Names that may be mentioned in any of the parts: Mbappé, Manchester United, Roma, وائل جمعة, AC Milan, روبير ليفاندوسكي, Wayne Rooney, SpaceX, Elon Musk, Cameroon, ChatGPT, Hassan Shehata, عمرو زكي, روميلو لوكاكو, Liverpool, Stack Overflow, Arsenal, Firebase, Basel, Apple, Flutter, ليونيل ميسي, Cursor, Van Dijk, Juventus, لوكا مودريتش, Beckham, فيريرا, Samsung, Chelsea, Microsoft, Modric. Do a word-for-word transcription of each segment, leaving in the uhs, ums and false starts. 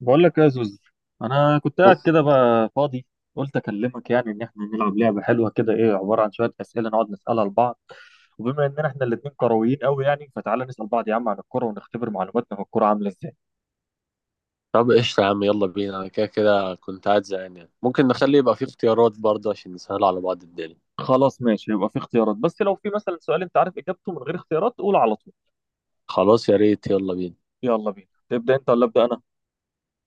بقول لك إيه يا زوز؟ انا كنت قاعد كده بقى فاضي، قلت اكلمك يعني ان احنا نلعب لعبه حلوه كده، ايه عباره عن شويه اسئله نقعد نسالها لبعض، وبما اننا احنا الاثنين كرويين قوي يعني فتعالى نسال بعض يا عم عن الكوره ونختبر معلوماتنا في الكوره عامله ازاي. طب قشطة يا عم، يلا بينا. أنا كده كده كنت قاعد زهقان، يعني ممكن نخلي يبقى فيه اختيارات برضه عشان نسهل على بعض الدنيا. خلاص ماشي، يبقى في اختيارات، بس لو في مثلا سؤال انت عارف اجابته من غير اختيارات قول على طول. خلاص، يا ريت، يلا بينا. يلا بينا، تبدا انت ولا ابدا انا؟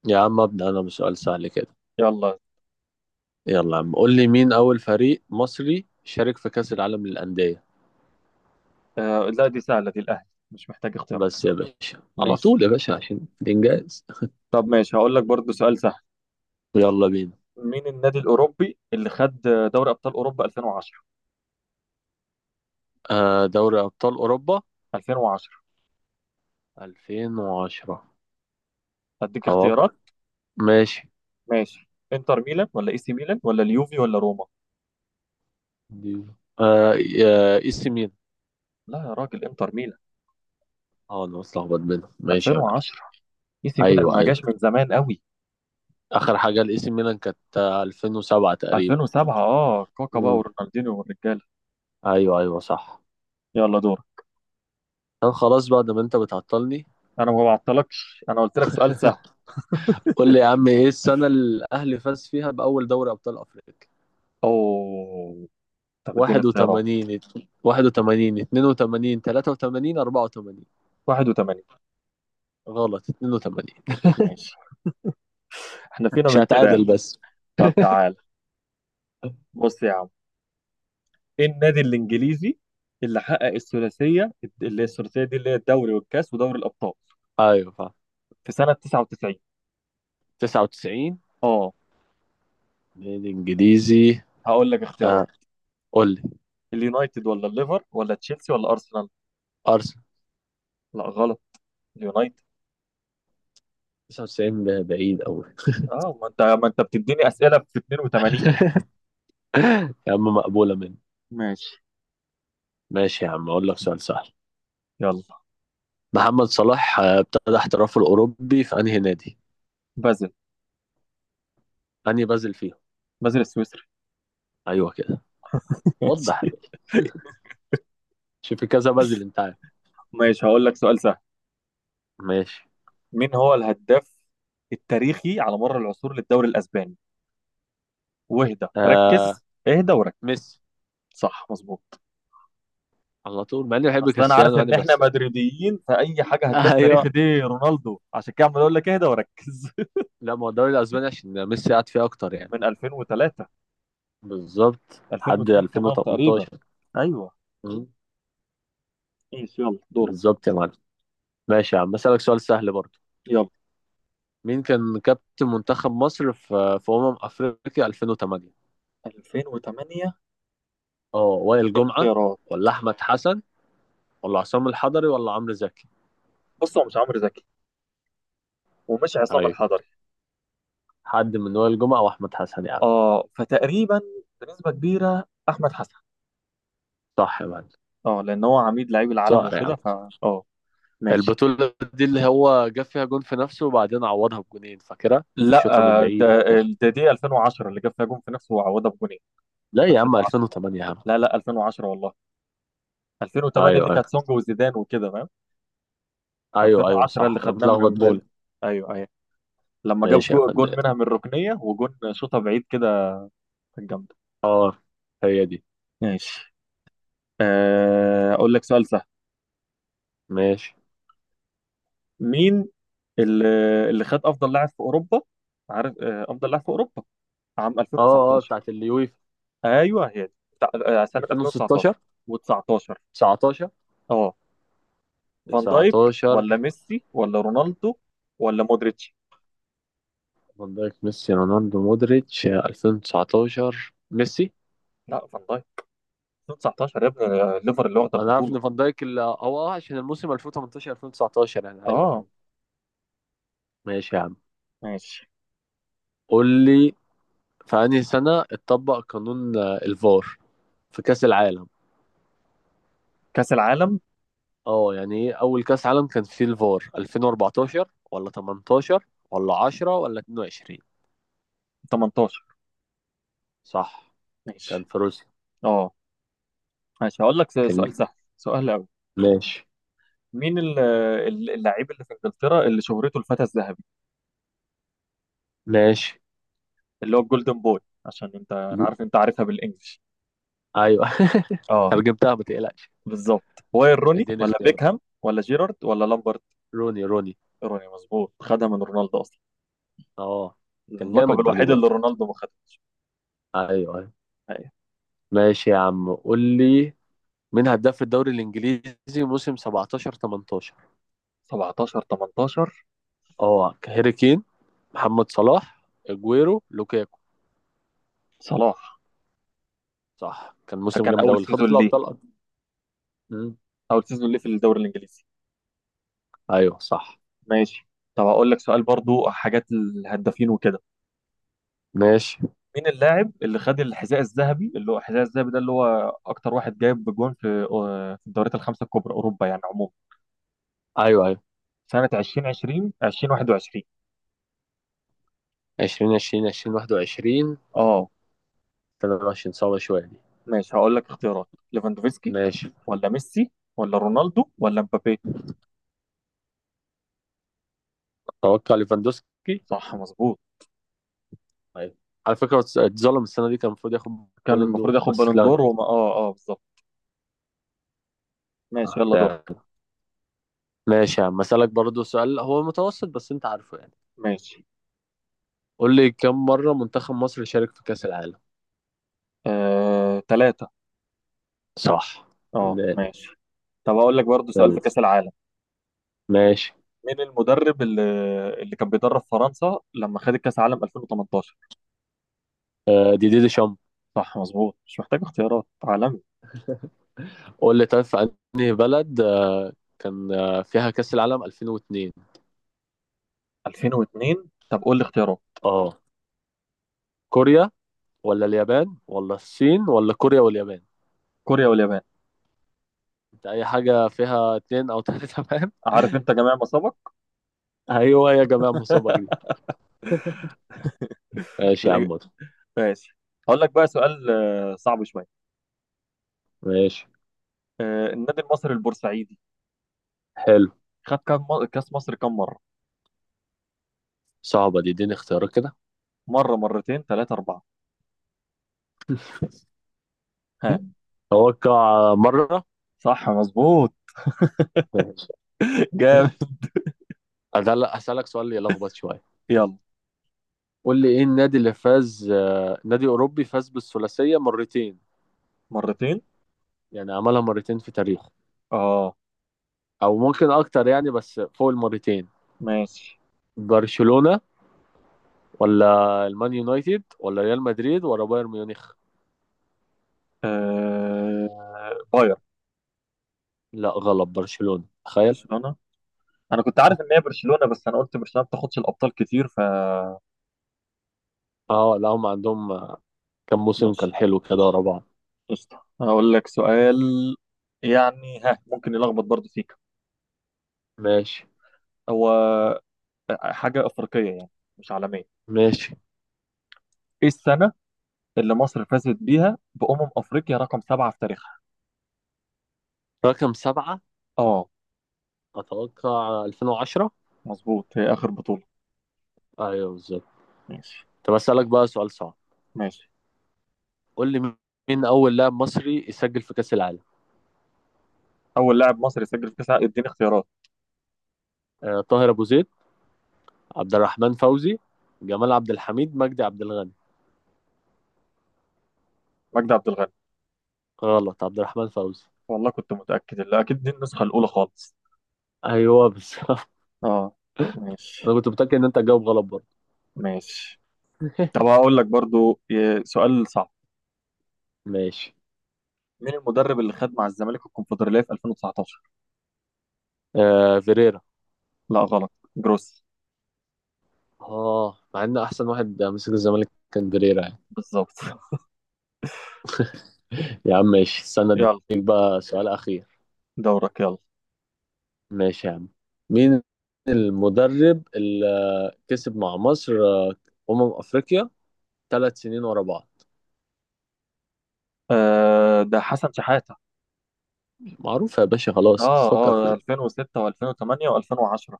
يا عم أبدأ أنا بسؤال سهل كده. يلا. يلا يا عم، قول لي مين أول فريق مصري شارك في كأس العالم للأندية؟ آه، لا دي سهله، دي الاهلي، مش محتاج اختيارات. بس يا باشا، على ماشي. طول يا باشا عشان الإنجاز. طب ماشي، هقول لك برضو سؤال سهل. يلا بينا. مين النادي الاوروبي اللي خد دوري ابطال اوروبا ألفين وعشرة؟ آه، دوري أبطال أوروبا ألفين وعشرة، ألفين وعشرة. هديك أتوقع. اختيارات. ماشي. ماشي، انتر ميلان ولا اي سي ميلان ولا اليوفي ولا روما؟ دي- آه إي سي ميلان. لا يا راجل، انتر ميلان. اه أنا متلخبط بينهم. ماشي يا معلم. ألفين وعشرة اي سي ميلان أيوه، ما أيوه. جاش من زمان قوي. اخر حاجه لاي سي ميلان كانت، آه، ألفين وسبعة تقريبا. ألفين وسبعة، اه كاكا بقى امم ورونالدينيو والرجاله. ايوه، ايوه، صح. يلا دور. كان خلاص بقى ده، ما انت بتعطلني. انا ما بعطلكش، انا قلت لك سؤال سهل. قول لي يا عم، ايه السنه اللي الاهلي فاز فيها باول دوري ابطال افريقيا؟ اوه، طب اديني اختيارات. واحد وتمانين، ات- واحد وتمانين، اتنين وتمانين، تلاتة وتمانين، اربعة وتمانين. واحد وتمانين. غلط، اثنين وثمانين. ماشي، احنا فينا مش من كده يعني. هتعادل بس. طب تعال، بص يا عم، ايه النادي الانجليزي اللي حقق الثلاثيه، اللي هي الثلاثيه دي اللي هي الدوري والكاس ودوري الابطال، ايوه، فاهم. في سنه تسعة وتسعين؟ تسعة وتسعين. اه، نادي انجليزي. هقول لك اختيارات. آه. قول لي. اليونايتد ولا الليفر ولا تشيلسي ولا ارسنال؟ ارسنال. لا غلط، اليونايتد. تسعة وتسعين بعيد قوي. اه ما انت ما انت بتديني اسئله في اثنين وثمانين. يا عم، مقبوله مني. ماشي. ماشي يا عم، اقول لك سؤال سهل. يلا، محمد صلاح آه، ابتدى احترافه الأوروبي في أنهي نادي؟ بازل. أنهي بازل فيهم؟ بازل السويسري. أيوه كده. وضح يا ماشي. باشا. شوف، في كذا بازل أنت عارف. ماشي، هقول لك سؤال سهل. ماشي. مين هو الهداف التاريخي على مر العصور للدوري الاسباني؟ واهدى آه، ركز، اهدى وركز. ميسي. صح مظبوط. على طول، مع إني بحب اصل انا عارف كريستيانو يعني ان احنا بس. مدريديين، فاي حاجه هداف تاريخي أيوه. دي رونالدو، عشان كده عمال اقول لك اهدى وركز. لا، ما هو الدوري الأسباني عشان ميسي قعد فيه أكتر يعني. من ألفين وتلاتة. بالظبط لحد ألفين واثنين كمان تقريبا. ألفين وتمنتاشر. ايوه. مم. ماشي يلا دور. بالظبط يا معلم. ماشي يا عم، أسألك سؤال سهل برضه. يلا. مين كان كابتن منتخب مصر في في أمم أفريقيا ألفين وتمانية؟ ألفين وتمانية. اه وائل ايه جمعة. الاختيارات؟ ولا أحمد حسن ولا عصام الحضري ولا عمرو زكي؟ بص، هو مش عمرو زكي ومش عصام ايوه، الحضري. حد من وائل جمعة واحمد حسن يا عم. اه، فتقريبا بنسبة كبيرة احمد حسن. صح يا معلم. اه لان هو عميد لعيب العالم صقر يا عم. وكده، ف اه ماشي. البطولة دي اللي هو جاب فيها جون في نفسه وبعدين عوضها بجونين، فاكرها؟ لا، شوطة من آه، ده بعيد وبتاع. ده دي ألفين وعشرة اللي جاب فيها جون في نفسه وعوضها بجونين. لا يا عم، ألفين وعشرة. ألفين وتمانية يا عم. لا لا ألفين وعشرة والله. ألفين وثمانية ايوه، دي ايوه. كانت سونج وزيدان وكده فاهم. ايوه، ايوه، ألفين وعشرة اللي صح، انا خدناه من بتلخبط انجول. بين. ايوه ايوه. لما جاب ماشي يا جو- جون فندم. منها من الركنية وجون شوطة بعيد كده. كانت جامدة. اه، هي دي. ماشي. آه، اقول لك سؤال سهل. ماشي. مين اللي اللي خد افضل لاعب في اوروبا؟ عارف، آه، افضل لاعب في اوروبا عام اه، اه، ألفين وتسعتاشر. بتاعت اليويفا. ايوه هي دي بتاع- آه، سنه ألفين وستاشر. ألفين وتسعة عشر وتسعتاشر. تسعتاشر. اه، فان دايك تسعتاشر. ولا ميسي ولا رونالدو ولا مودريتش؟ فان دايك، ميسي، رونالدو، مودريتش، ألفين وتسعة عشر، ميسي. لا، فان دايك. ألفين وتسعتاشر يا ابني، آه، ليفر اللي واخده انا عارف البطوله. ان فان دايك ال- هو اه عشان الموسم ألفين وتمنتاشر ألفين وتسعتاشر يعني. ايوه، اه ايوه. ماشي يا عم. ماشي. قول لي، في انهي سنه اتطبق قانون آه، الفار؟ في كاس العالم. كاس العالم اه يعني ايه اول كاس عالم كان فيه الفار؟ ألفين واربعتاشر ولا تمنتاشر ولا عشرة ولا اتنين وعشرين؟ تمنتاشر. صح. كان ماشي. في روسيا. اه ماشي، هقول لك س- كان. سؤال سهل، سؤال قوي. ماشي، مين ال- ال- اللاعب اللي في انجلترا اللي شهرته الفتى الذهبي، ماشي. اللي هو الجولدن بوي؟ عشان انت، انا دي- عارف انت عارفها بالانجلش. ايوه. اه ترجمتها ما تقلقش. بالظبط. واير روني اديني ولا اختيارات. بيكهام ولا جيرارد ولا لامبرت؟ روني، روني. روني. مظبوط، خدها من رونالدو اصلا، اه، كان اللقب جامد روني الوحيد برضه. اللي رونالدو ما خدها. ايوه. أيوة. أيوة. ماشي يا عم، قول لي مين هداف في الدوري الانجليزي موسم سبعة عشر تمنتاشر؟ سبعتاشر تمنتاشر. اه هاري كين، محمد صلاح، اجويرو، لوكاكو. صلاح. صح، كان ده موسم كان جامد قوي اول اللي خد سيزون في ليه، الابطال أصلاً. مم. اول سيزون ليه في الدوري الانجليزي. ايوه، صح. ماشي. طب اقول لك سؤال برضو، حاجات الهدافين وكده. ماشي. مين اللاعب اللي خد الحذاء الذهبي، اللي هو الحذاء الذهبي ده اللي هو اكتر واحد جايب بجوان في، آه، في الدوريات الخمسه الكبرى اوروبا يعني عموما، ايوه، ايوه. سنة ألفين وعشرين ألفين وواحد وعشرين؟ عشرين عشرين عشرين واحد وعشرين. اه تلاتة وعشرين، صعبه شويه دي. ماشي، هقول لك اختيارات. ليفاندوفسكي ماشي. ولا ميسي ولا رونالدو ولا مبابي؟ اتوقع ليفاندوسكي. صح مظبوط. ايوه. على فكره، اتس- اتظلم السنه دي كان المفروض ياخد. كان بالون المفروض دور ياخد بس بالون اتلغى. دور، وما اه اه بالظبط. ماشي آه، يلا دور. تمام. ماشي يا عم، اسالك برضه سؤال هو متوسط بس انت عارفه يعني. ماشي. قول لي، كم مره منتخب مصر شارك في كاس العالم؟ آه... تلات مرات. صح. اه فنان. ماشي. طب هقول لك برضه سؤال في يلا. كأس العالم. ماشي. مين المدرب اللي اللي كان بيدرب فرنسا لما خدت كأس العالم ألفين وتمنتاشر؟ آه، دي دي دي شامب. صح مظبوط، مش محتاج اختيارات عالمي. قول لي، طيب، في انهي بلد آه، كان آه، فيها كأس العالم ألفين واثنين؟ ألفين واتنين. طب قول لي اختيارات. اه كوريا. ولا اليابان ولا الصين ولا كوريا واليابان؟ كوريا واليابان. انت اي حاجة فيها اتنين او تلاتة تمام. عارف انت جميع ما سبق. ايوه يا جماعة، مصابة جديدة. ماشي يا عم. ماشي. هقول لك بقى سؤال آه، صعب شويه. ماشي. آه، النادي المصري البورسعيدي حلو. خد كام م- كاس مصر كام مره؟ صعبة دي، اديني اختيارات كده. مره، مرتين، ثلاثه، اربعه؟ ها. توقع مرة. صح مظبوط. ماشي. جامد. أدل- أسألك سؤال يلخبط شوية. يلا. قول لي، إيه النادي اللي فاز آه، نادي أوروبي فاز بالثلاثية مرتين؟ مرتين. يعني عملها مرتين في تاريخه. اه او ممكن اكتر يعني، بس فوق المرتين. ماشي. برشلونة ولا المان يونايتد ولا ريال مدريد ولا بايرن ميونخ؟ آه... باير. لا غلط، برشلونة، تخيل. برشلونه. انا كنت عارف ان هي برشلونه، بس انا قلت برشلونه ما بتاخدش الابطال كتير. اه، لا هم عندهم. كم موسم كان فماشي. حلو كده ورا بعض. قشطه هقول لك سؤال يعني، ها ممكن يلخبط برضه فيك. ماشي، هو آه، حاجه افريقيه يعني، مش عالميه. ماشي. ايه السنه اللي مصر فازت بيها بأمم أفريقيا رقم سبعة في تاريخها؟ رقم سبعة. اه اتوقع ألفين وعشرة. مظبوط، هي آخر بطولة. ايوه بالظبط. ماشي. طب اسالك بقى سؤال صعب. ماشي. قول لي، مين اول لاعب مصري يسجل في كاس العالم؟ أول لاعب مصري سجل في كأس العالم. اديني اختيارات. آه، طاهر ابو زيد. عبد الرحمن فوزي. جمال عبد الحميد، مجدي عبد الغني. مجدي عبد الغني. غلط، عبد الرحمن فوزي. والله كنت متأكد، اللي أكيد دي النسخة الأولى خالص. ايوه بالظبط. اه ماشي. انا كنت متاكد ان انت هتجاوب غلط برضه. ماشي. طب هقول لك برضو ي- سؤال صعب. ماشي. مين المدرب اللي خد مع الزمالك الكونفدرالية في ألفين وتسعة عشر؟ آه فيريرا. لا غلط. جروس. اه، مع ان احسن واحد مسك الزمالك كان فيريرا يعني. بالظبط. يا عم ماشي، استنى اديك يلا بقى سؤال اخير. دورك. يلا. ماشي يا عم. مين المدرب اللي كسب مع مصر آه، امم افريقيا ثلاث سنين ورا بعض؟ آه ده حسن شحاتة. معروف يا باشا، خلاص بس اه فكر اه فيه. ألفين وستة وألفين وتمانية وألفين وعشرة.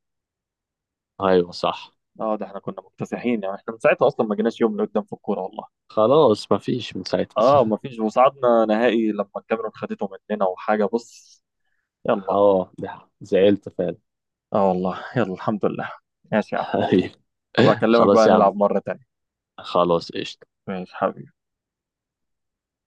ايوه، صح. اه ده احنا كنا مكتسحين يعني، احنا من ساعتها اصلا ما جيناش يوم لقدام في الكوره والله. خلاص، مفيش من اه ساعتها. ما فيش، وصعدنا نهائي لما الكاميرون خدته مننا وحاجه، بص. يلا. اه، ده زعلت فعلا. اه والله، يلا الحمد لله. ماشي يا عم، أيوة. ابقى اكلمك خلاص بقى يا عم. نلعب مره تانية. خلاص قشطة. ماشي حبيبي.